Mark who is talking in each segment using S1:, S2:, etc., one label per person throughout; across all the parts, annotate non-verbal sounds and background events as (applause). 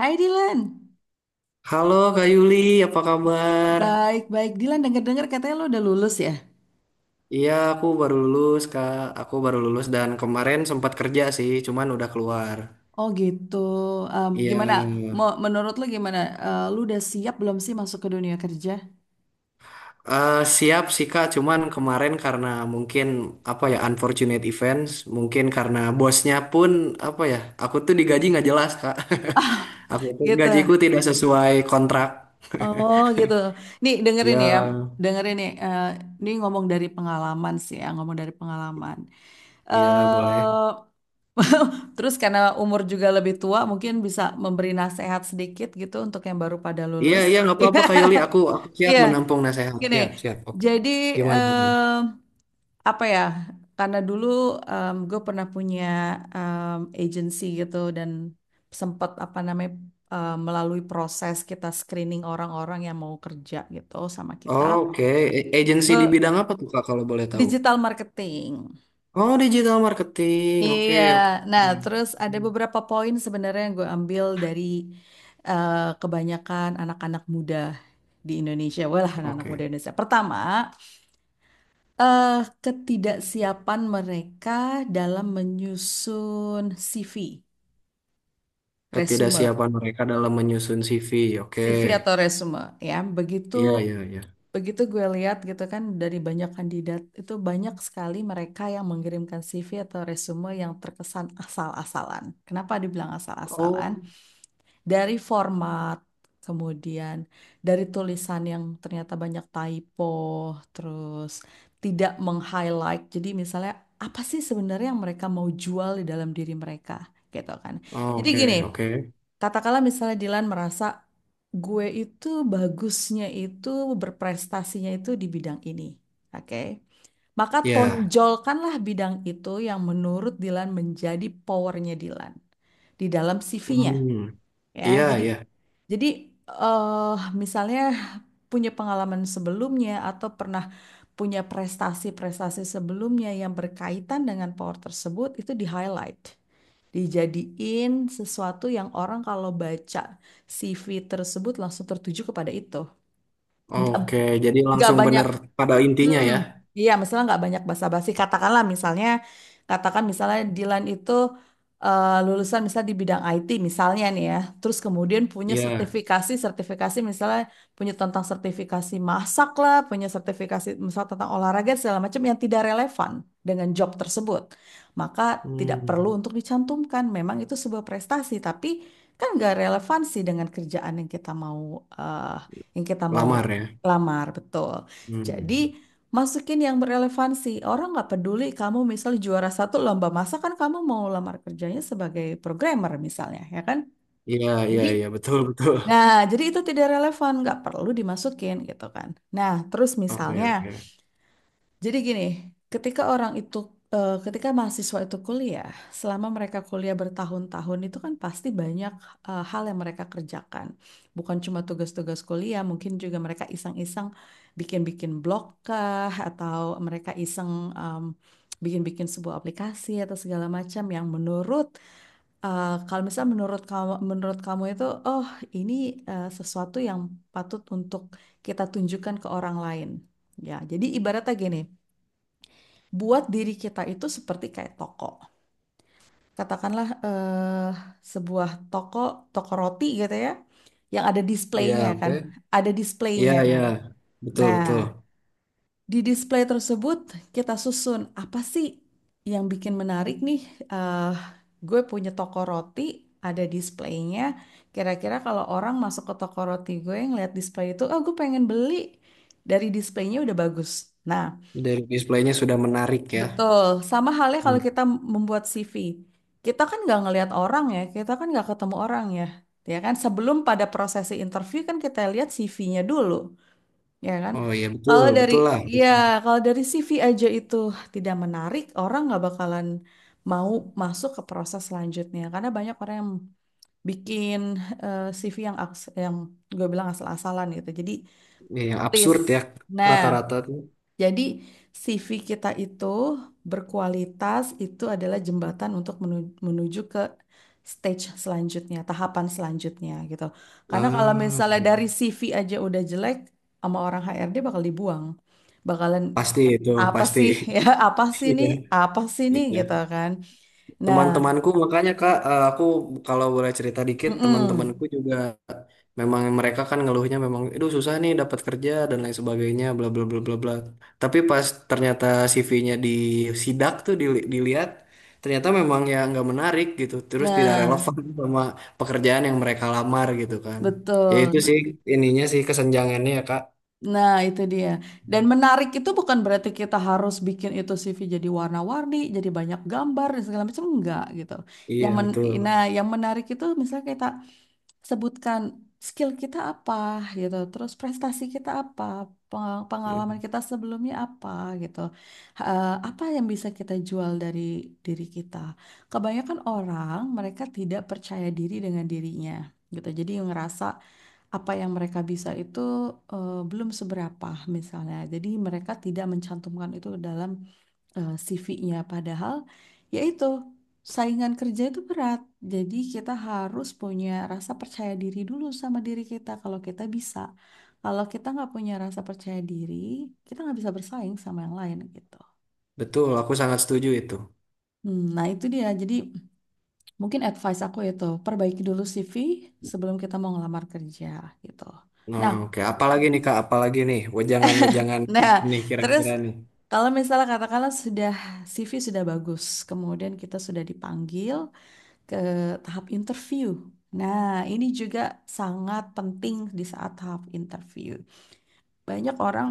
S1: Hai Dilan,
S2: Halo Kak Yuli, apa kabar?
S1: baik-baik. Dilan denger-denger katanya lo udah lulus ya?
S2: Iya, aku baru lulus, Kak. Aku baru lulus dan kemarin sempat kerja sih, cuman udah keluar.
S1: Oh gitu. Em,
S2: Iya,
S1: gimana? Menurut lo gimana? Lo udah siap belum sih masuk ke dunia kerja?
S2: siap sih Kak, cuman kemarin karena mungkin apa ya unfortunate events, mungkin karena bosnya pun apa ya, aku tuh digaji nggak jelas Kak. (laughs) Aku
S1: (laughs)
S2: tuh gajiku
S1: Gitu.
S2: tidak sesuai kontrak.
S1: Oh gitu. Nih dengerin
S2: Iya,
S1: ya, dengerin nih. Ini ngomong dari pengalaman sih ya, ngomong dari pengalaman.
S2: iya boleh.
S1: eh (laughs) Terus karena umur juga lebih tua, mungkin bisa memberi nasihat sedikit gitu untuk yang baru pada
S2: Iya,
S1: lulus.
S2: iya nggak apa-apa Kak Yuli,
S1: (laughs)
S2: aku siap
S1: Iya,
S2: menampung nasihat.
S1: gini.
S2: Siap, siap. Oke.
S1: Jadi
S2: Gimana?
S1: apa ya, karena dulu gue pernah punya agency gitu dan sempat apa namanya, melalui proses kita screening orang-orang yang mau kerja gitu sama kita.
S2: Oke. Agency di
S1: Be-
S2: bidang apa tuh Kak kalau boleh tahu?
S1: Digital marketing,
S2: Oh, digital marketing. Oke,
S1: iya.
S2: oke.
S1: Nah, terus ada beberapa poin sebenarnya yang gue ambil dari eh, kebanyakan anak-anak muda di Indonesia. Walah, anak-anak muda
S2: Oke.
S1: Indonesia. Pertama, eh ketidaksiapan mereka dalam menyusun CV, resume,
S2: Ketidaksiapan mereka dalam menyusun CV. Oke.
S1: CV atau resume ya. Begitu
S2: Iya, iya, iya.
S1: begitu gue lihat gitu kan, dari banyak kandidat itu banyak sekali mereka yang mengirimkan CV atau resume yang terkesan asal-asalan. Kenapa dibilang asal-asalan?
S2: Oh,
S1: Dari format, kemudian dari tulisan yang ternyata banyak typo, terus tidak meng-highlight. Jadi misalnya apa sih sebenarnya yang mereka mau jual di dalam diri mereka gitu kan.
S2: oh,
S1: Jadi
S2: oke,
S1: gini,
S2: oke.
S1: katakanlah misalnya Dilan merasa gue itu bagusnya itu berprestasinya itu di bidang ini. Oke. Maka
S2: Iya.
S1: tonjolkanlah bidang itu yang menurut Dilan menjadi powernya Dilan di dalam CV-nya.
S2: Hmm.
S1: Ya,
S2: Iya,
S1: jadi
S2: iya.
S1: jadi eh misalnya punya pengalaman sebelumnya atau pernah punya prestasi-prestasi sebelumnya yang berkaitan dengan power tersebut itu di-highlight. Dijadiin sesuatu yang orang kalau baca CV tersebut langsung tertuju kepada itu. Nggak,
S2: Oke, jadi
S1: nggak
S2: langsung
S1: banyak.
S2: benar pada intinya
S1: Hmm,
S2: ya.
S1: iya, misalnya nggak banyak basa-basi. Katakanlah misalnya, katakan misalnya Dilan itu lulusan misalnya di bidang IT misalnya nih ya. Terus kemudian punya
S2: Iya.
S1: sertifikasi, sertifikasi misalnya punya tentang sertifikasi masak lah, punya sertifikasi misalnya tentang olahraga segala macam yang tidak relevan dengan job tersebut. Maka tidak perlu
S2: Hmm.
S1: untuk dicantumkan. Memang itu sebuah prestasi, tapi kan nggak relevansi dengan kerjaan eh, yang kita mau
S2: Lamar ya.
S1: lamar, betul. Jadi
S2: Hmm.
S1: masukin yang berelevansi. Orang nggak peduli kamu misal juara satu lomba masak kan kamu mau lamar kerjanya sebagai programmer misalnya, ya kan?
S2: Iya, iya,
S1: Jadi,
S2: iya, betul, betul.
S1: nah jadi itu tidak relevan, nggak perlu dimasukin gitu kan. Nah, terus
S2: Oke,
S1: misalnya
S2: oke.
S1: jadi gini, ketika orang itu, ketika mahasiswa itu kuliah, selama mereka kuliah bertahun-tahun itu kan pasti banyak hal yang mereka kerjakan. Bukan cuma tugas-tugas kuliah, mungkin juga mereka iseng-iseng bikin-bikin blog kah, atau mereka iseng em, bikin-bikin sebuah aplikasi atau segala macam yang kalau misalnya menurut kamu itu, oh ini, sesuatu yang patut untuk kita tunjukkan ke orang lain. Ya, jadi ibaratnya gini, buat diri kita itu seperti kayak toko. Katakanlah sebuah toko, toko roti gitu ya, yang ada displaynya
S2: Iya, oke.
S1: kan, ada
S2: Iya,
S1: displaynya
S2: iya.
S1: kan.
S2: Betul,
S1: Nah,
S2: betul.
S1: di display tersebut kita susun apa sih yang bikin menarik nih? eh gue punya toko roti, ada displaynya. Kira-kira kalau orang masuk ke toko roti gue ngeliat display itu, oh gue pengen beli. Dari displaynya udah bagus. Nah,
S2: Dari displaynya sudah menarik ya.
S1: betul, sama halnya kalau
S2: Hmm.
S1: kita membuat CV. Kita kan nggak ngelihat orang ya, kita kan nggak ketemu orang ya. Ya kan, sebelum pada prosesi interview kan kita lihat CV-nya dulu, ya kan?
S2: Oh iya betul,
S1: Kalau dari
S2: betul lah.
S1: ya, kalau dari CV aja itu tidak menarik, orang nggak bakalan mau masuk ke proses selanjutnya karena banyak orang yang bikin CV yang yang gue bilang asal-asalan gitu. Jadi,
S2: Iya,
S1: please.
S2: absurd ya
S1: Nah,
S2: rata-rata tuh.
S1: jadi CV kita itu berkualitas itu adalah jembatan untuk menuju ke stage selanjutnya, tahapan selanjutnya gitu. Karena kalau
S2: Ah,
S1: misalnya
S2: iya.
S1: dari CV aja udah jelek, sama orang HRD bakal dibuang. Bakalan
S2: Pasti itu,
S1: apa
S2: pasti.
S1: sih, (laughs) ya, apa sih
S2: (laughs) Iya,
S1: nih, apa sih nih
S2: iya.
S1: gitu kan. Nah,
S2: Teman-temanku makanya Kak, aku kalau boleh cerita dikit, teman-temanku
S1: mm-mm.
S2: juga memang mereka kan ngeluhnya memang, aduh susah nih dapat kerja dan lain sebagainya, bla bla bla bla bla. Tapi pas ternyata CV-nya disidak tuh dilihat, ternyata memang ya nggak menarik gitu, terus tidak
S1: Nah,
S2: relevan (laughs) sama pekerjaan yang mereka lamar gitu kan. Ya itu
S1: betul.
S2: sih ininya sih kesenjangannya ya Kak.
S1: Nah, itu dia. Dan menarik itu bukan berarti kita harus bikin itu CV jadi warna-warni, jadi banyak gambar dan segala macam, enggak gitu.
S2: Iya
S1: Yang men
S2: betul.
S1: nah, yang menarik itu misalnya kita sebutkan skill kita apa gitu, terus prestasi kita apa, pengalaman
S2: Mm.
S1: kita sebelumnya apa gitu. Apa yang bisa kita jual dari diri kita? Kebanyakan orang mereka tidak percaya diri dengan dirinya gitu. Jadi ngerasa apa yang mereka bisa itu, belum seberapa misalnya. Jadi mereka tidak mencantumkan itu ke dalam CV-nya padahal yaitu saingan kerja itu berat. Jadi kita harus punya rasa percaya diri dulu sama diri kita kalau kita bisa. Kalau kita nggak punya rasa percaya diri, kita nggak bisa bersaing sama yang lain gitu.
S2: Betul, aku sangat setuju itu.
S1: Hmm, nah itu dia, jadi mungkin advice aku itu perbaiki dulu CV sebelum kita mau ngelamar kerja gitu.
S2: Nah,
S1: Nah
S2: oke. Apalagi nih Kak, apalagi nih wejangan-wejangan
S1: Nah,
S2: nih
S1: terus
S2: kira-kira nih.
S1: kalau misalnya katakanlah sudah CV sudah bagus, kemudian kita sudah dipanggil ke tahap interview. Nah, ini juga sangat penting di saat tahap interview. Banyak orang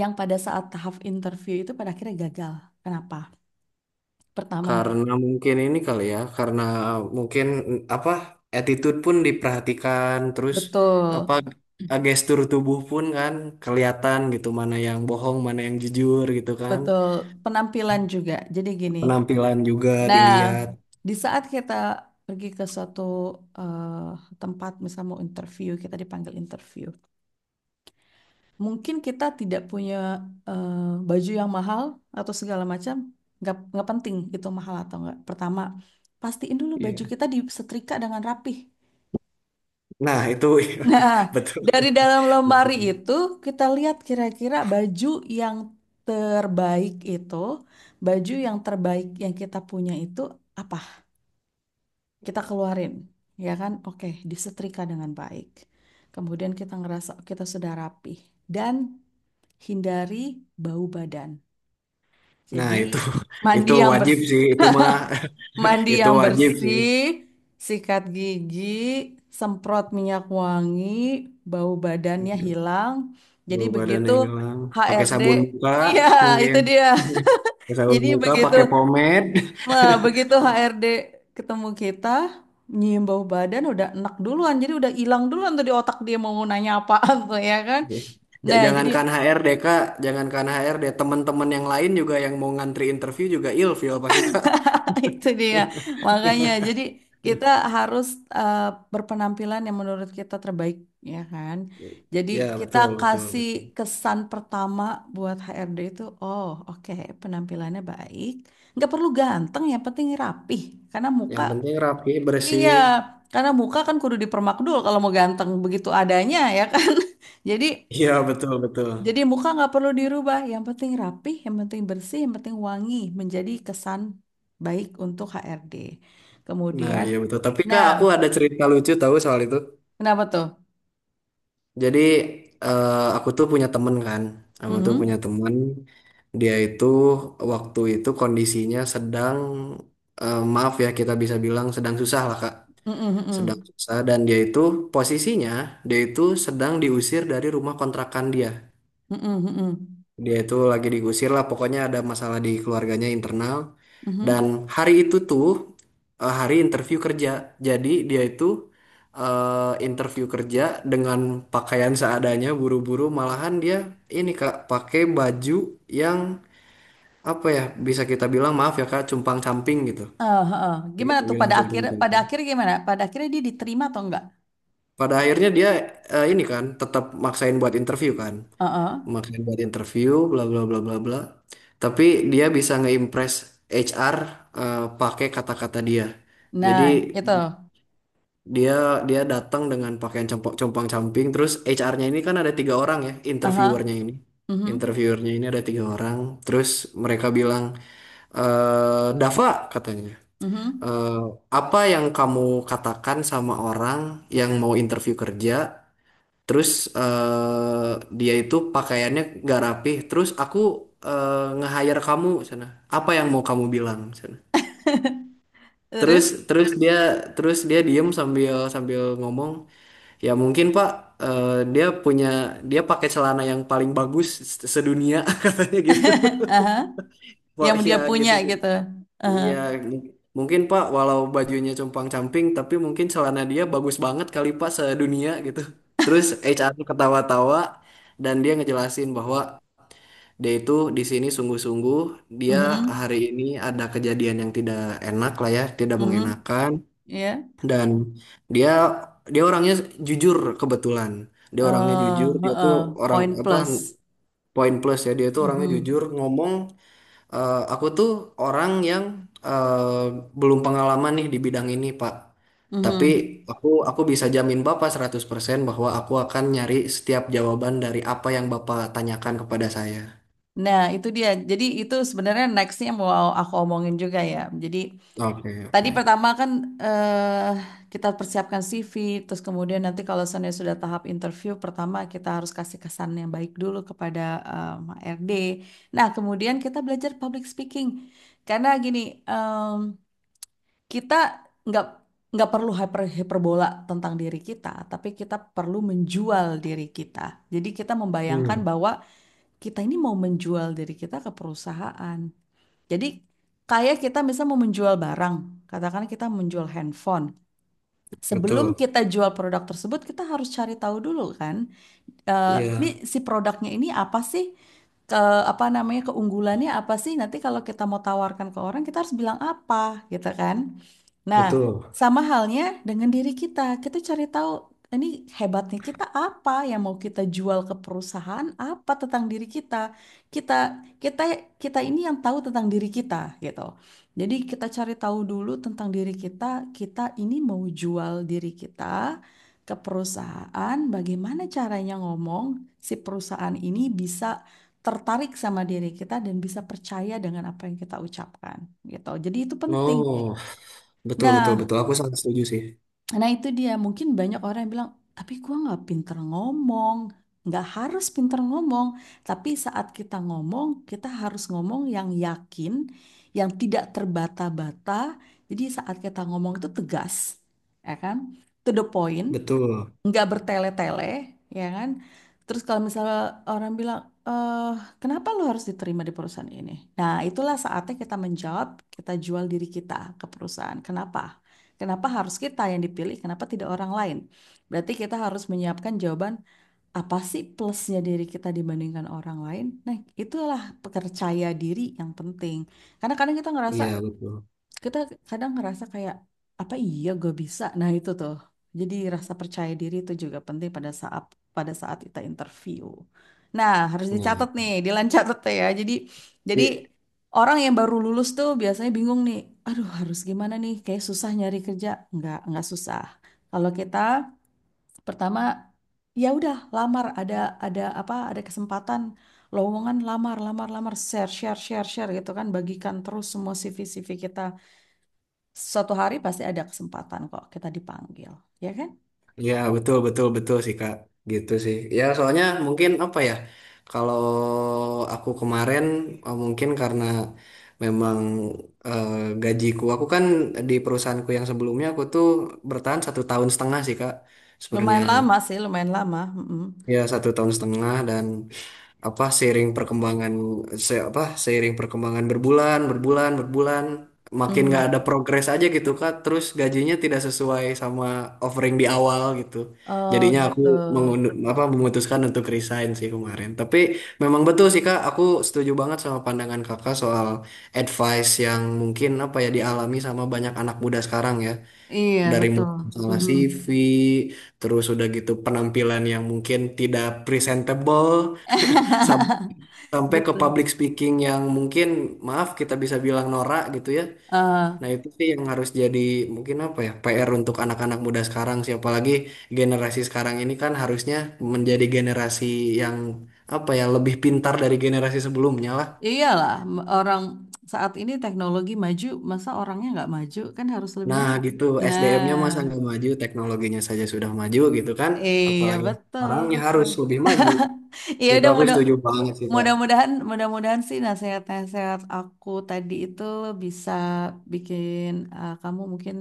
S1: yang pada saat tahap interview itu pada akhirnya gagal. Kenapa? Pertama,
S2: Karena mungkin ini kali ya, karena mungkin apa attitude pun diperhatikan, terus apa
S1: betul,
S2: gestur tubuh pun kan kelihatan gitu mana yang bohong, mana yang jujur gitu kan.
S1: betul, penampilan juga. Jadi gini.
S2: Penampilan juga
S1: Nah,
S2: dilihat.
S1: di saat kita pergi ke suatu tempat, misal mau interview, kita dipanggil interview. Mungkin kita tidak punya eh, baju yang mahal atau segala macam. Nggak penting itu mahal atau nggak. Pertama, pastiin dulu baju
S2: Iya.
S1: kita disetrika dengan rapih.
S2: Nah, itu.
S1: (laughs) Nah,
S2: (laughs) Betul.
S1: dari dalam lemari
S2: Betul.
S1: itu kita lihat kira-kira baju yang terbaik itu, baju yang terbaik yang kita punya itu apa, kita keluarin, ya kan, oke, disetrika dengan baik. Kemudian kita ngerasa kita sudah rapih dan hindari bau badan.
S2: Nah,
S1: Jadi mandi
S2: itu
S1: yang
S2: wajib
S1: bersih,
S2: sih, itu mah.
S1: mandi
S2: (laughs) Itu
S1: yang
S2: wajib sih.
S1: bersih, sikat gigi, semprot minyak wangi, bau badannya hilang. Jadi
S2: Bau badan
S1: begitu
S2: yang hilang, pakai
S1: HRD,
S2: sabun muka
S1: iya,
S2: mungkin.
S1: itu dia.
S2: (laughs) Pakai
S1: (laughs)
S2: sabun
S1: Jadi
S2: muka pakai
S1: begitu,
S2: pomade.
S1: nah, begitu HRD ketemu kita, nyium bau badan udah enak duluan. Jadi udah hilang duluan tuh di otak dia mau nanya apaan tuh, ya kan.
S2: (laughs) Oke.
S1: Nah, jadi,
S2: Jangankan HRD kak, jangankan HRD teman-teman yang lain juga yang mau ngantri interview juga ilfil pasti kak.
S1: (laughs) itu dia, makanya. Jadi kita harus eh, berpenampilan yang menurut kita terbaik, ya kan?
S2: (laughs)
S1: Jadi
S2: Ya
S1: kita
S2: betul betul
S1: kasih
S2: betul.
S1: kesan pertama buat HRD itu, oh oke, penampilannya baik. Nggak perlu ganteng, yang penting rapih. Karena muka,
S2: Yang penting rapi
S1: iya,
S2: bersih.
S1: karena muka kan kudu dipermak dulu kalau mau ganteng begitu adanya, ya kan? (laughs) Jadi
S2: Iya betul betul.
S1: jadi muka nggak perlu dirubah, yang penting rapih, yang penting bersih, yang penting wangi, menjadi kesan baik untuk HRD.
S2: Nah
S1: Kemudian,
S2: iya betul tapi kak
S1: nah,
S2: aku ada cerita lucu tahu soal itu.
S1: kenapa tuh?
S2: Jadi eh, aku tuh punya temen kan, aku tuh punya
S1: Mhm.
S2: temen dia itu waktu itu kondisinya sedang maaf ya kita bisa bilang sedang susah lah Kak,
S1: Mhm,
S2: sedang
S1: mhm.
S2: susah dan dia itu posisinya dia itu sedang diusir dari rumah kontrakan dia.
S1: Mhm, mhm.
S2: Dia itu lagi digusir lah, pokoknya ada masalah di keluarganya internal. Dan
S1: Mhm.
S2: hari itu tuh hari interview kerja. Jadi dia itu interview kerja dengan pakaian seadanya, buru-buru. Malahan dia ini Kak, pakai baju yang apa ya, bisa kita bilang maaf ya Kak, cumpang-camping gitu.
S1: Ah, ah, ah. Gimana
S2: Kita
S1: tuh,
S2: bilang
S1: pada
S2: cumpang-camping.
S1: akhir gimana? Pada akhirnya dia diterima atau enggak?
S2: Pada akhirnya dia ini kan tetap maksain buat interview kan,
S1: Ah, ah.
S2: makanya buat interview bla bla bla bla bla tapi dia bisa ngeimpress HR pakai kata-kata dia. Jadi
S1: Nah, itu.
S2: dia dia datang dengan pakaian compang-camping terus HR-nya ini kan ada tiga orang ya
S1: Aha.
S2: interviewernya ini.
S1: Mhm.
S2: Interviewernya ini ada tiga orang terus mereka bilang, eh Dava, katanya,
S1: Mhm.
S2: eh, apa yang kamu katakan sama orang yang mau interview kerja. Terus eh dia itu pakaiannya nggak rapih. Terus aku eh, nge-hire kamu sana. Apa yang mau kamu bilang sana? Terus
S1: Terus?
S2: terus dia terus dia diem sambil sambil ngomong. Ya mungkin Pak eh, dia punya dia pakai celana yang paling bagus sedunia (laughs) katanya gitu.
S1: (laughs) Aha.
S2: Wah,
S1: Yang dia
S2: ya
S1: punya
S2: gitu.
S1: gitu.
S2: Ya
S1: Aha.
S2: mung- mungkin Pak walau bajunya compang-camping tapi mungkin celana dia bagus banget kali Pak sedunia gitu. Terus HR ketawa-tawa dan dia ngejelasin bahwa dia itu di sini sungguh-sungguh. Dia hari
S1: Mhm.
S2: ini ada kejadian yang tidak enak lah ya, tidak
S1: Mhm.
S2: mengenakan.
S1: Ya.
S2: Dan dia dia orangnya jujur kebetulan. Dia orangnya
S1: eh
S2: jujur. Dia tuh
S1: heeh,
S2: orang
S1: poin
S2: apa,
S1: plus.
S2: poin plus ya. Dia tuh orangnya
S1: Mhm,
S2: jujur ngomong. "Eh, aku tuh orang yang eh, belum pengalaman nih di bidang ini, Pak. Tapi
S1: mhm.
S2: aku bisa jamin Bapak 100% bahwa aku akan nyari setiap jawaban dari apa yang Bapak tanyakan kepada saya.
S1: Nah, itu dia. Jadi itu sebenarnya nextnya mau aku omongin juga ya. Jadi
S2: Oke,
S1: tadi
S2: oke.
S1: pertama kan eh kita persiapkan CV, terus kemudian nanti kalau seandainya sudah tahap interview, pertama kita harus kasih kesan yang baik dulu kepada HRD. Nah, kemudian kita belajar public speaking. Karena gini, kita nggak nggak perlu hiperbola tentang diri kita, tapi kita perlu menjual diri kita. Jadi kita membayangkan
S2: Hmm,
S1: bahwa kita ini mau menjual diri kita ke perusahaan. Jadi kayak kita misal mau menjual barang, katakan kita menjual handphone. Sebelum
S2: betul.
S1: kita jual produk tersebut, kita harus cari tahu dulu kan, eh, ini
S2: Iya,
S1: si produknya ini apa sih? Ke, apa namanya, keunggulannya apa sih? Nanti kalau kita mau tawarkan ke orang kita harus bilang apa gitu kan? Nah,
S2: betul.
S1: sama halnya dengan diri kita. Kita cari tahu ini hebatnya kita apa yang mau kita jual ke perusahaan apa tentang diri kita. Kita kita kita ini yang tahu tentang diri kita gitu. Jadi kita cari tahu dulu tentang diri kita, kita ini mau jual diri kita ke perusahaan, bagaimana caranya ngomong si perusahaan ini bisa tertarik sama diri kita dan bisa percaya dengan apa yang kita ucapkan gitu. Jadi itu penting.
S2: Oh, betul, betul,
S1: Nah,
S2: betul. Aku sangat setuju sih.
S1: nah, itu dia, mungkin banyak orang yang bilang, tapi gua nggak pinter ngomong. Nggak harus pinter ngomong, tapi saat kita ngomong, kita harus ngomong yang yakin, yang tidak terbata-bata. Jadi saat kita ngomong itu tegas, ya kan? To the point,
S2: Betul.
S1: nggak bertele-tele, ya kan? Terus kalau misalnya orang bilang, eh kenapa lo harus diterima di perusahaan ini? Nah, itulah saatnya kita menjawab, kita jual diri kita ke perusahaan. Kenapa? Kenapa harus kita yang dipilih? Kenapa tidak orang lain? Berarti kita harus menyiapkan jawaban, apa sih plusnya diri kita dibandingkan orang lain? Nah, itulah percaya diri yang penting. Karena kadang kita ngerasa,
S2: Iya, betul.
S1: kita kadang ngerasa kayak apa iya gue bisa, nah itu tuh, jadi rasa percaya diri itu juga penting pada saat kita interview. Nah, harus
S2: Nah,
S1: dicatat nih Dilan, catat tuh ya. Jadi
S2: i-
S1: orang yang baru lulus tuh biasanya bingung nih, aduh harus gimana nih, kayak susah nyari kerja. Nggak susah kalau kita. Pertama, ya udah lamar, ada apa ada kesempatan lowongan, lamar lamar lamar, share share share share gitu kan, bagikan terus semua CV CV kita. Suatu hari pasti ada kesempatan kok kita dipanggil, ya kan?
S2: iya, betul, betul, betul sih, Kak. Gitu sih. Ya, soalnya mungkin apa ya, kalau aku kemarin mungkin karena memang eh, gajiku, aku kan di perusahaanku yang sebelumnya aku tuh bertahan satu tahun setengah sih, Kak. Sebenarnya,
S1: Lumayan lama sih, lumayan lama. Mm-mm.
S2: ya satu tahun setengah dan apa seiring perkembangan se apa seiring perkembangan berbulan berbulan berbulan makin nggak ada
S1: Mhm.
S2: progres aja gitu Kak terus gajinya tidak sesuai sama offering di awal gitu,
S1: Oh
S2: jadinya aku
S1: gitu.
S2: mengundur, apa memutuskan untuk resign sih kemarin tapi memang betul sih Kak aku setuju banget sama pandangan Kakak soal advice yang mungkin apa ya dialami sama banyak anak muda sekarang ya
S1: Iya
S2: dari
S1: betul.
S2: mulai masalah
S1: Mhm.
S2: CV terus udah gitu penampilan yang mungkin tidak presentable
S1: (laughs)
S2: sampai ke public
S1: Betul.
S2: speaking yang mungkin maaf kita bisa bilang norak gitu ya.
S1: Eh,
S2: Nah, itu sih yang harus jadi mungkin apa ya PR untuk anak-anak muda sekarang sih apalagi generasi sekarang ini kan harusnya menjadi generasi yang apa ya lebih pintar dari generasi sebelumnya lah.
S1: Iyalah orang saat ini teknologi maju, masa orangnya nggak maju kan harus lebih
S2: Nah,
S1: maju.
S2: gitu
S1: Nah,
S2: SDM-nya masa nggak maju, teknologinya saja sudah maju gitu kan.
S1: iya
S2: Apalagi
S1: betul
S2: orangnya
S1: betul.
S2: harus lebih maju.
S1: (laughs) Iya,
S2: Gitu
S1: udah.
S2: aku setuju banget sih, Kak.
S1: Mudah-mudahan, mudah-mudahan sih nasihat-nasihat aku tadi itu bisa bikin kamu mungkin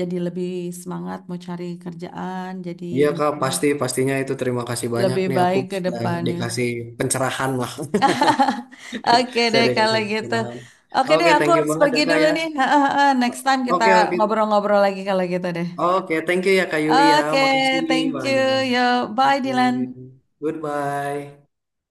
S1: jadi lebih semangat mau cari kerjaan, jadi
S2: Iya, Kak,
S1: mungkin
S2: pasti pastinya itu terima kasih banyak
S1: lebih
S2: nih aku
S1: baik ke
S2: sudah
S1: depannya.
S2: dikasih pencerahan lah.
S1: (laughs) Oke
S2: Saya
S1: deh kalau
S2: dikasih
S1: gitu.
S2: pencerahan.
S1: Oke deh,
S2: Oke,
S1: aku
S2: thank you
S1: harus
S2: banget ya
S1: pergi
S2: Kak
S1: dulu
S2: ya.
S1: nih. (laughs) Next time kita
S2: Oke, oke.
S1: ngobrol-ngobrol lagi kalau gitu deh.
S2: Oke, thank you ya Kak Yulia.
S1: Oke,
S2: Makasih
S1: thank you.
S2: banyak.
S1: Yo, bye
S2: Oke.
S1: Dylan.
S2: Goodbye.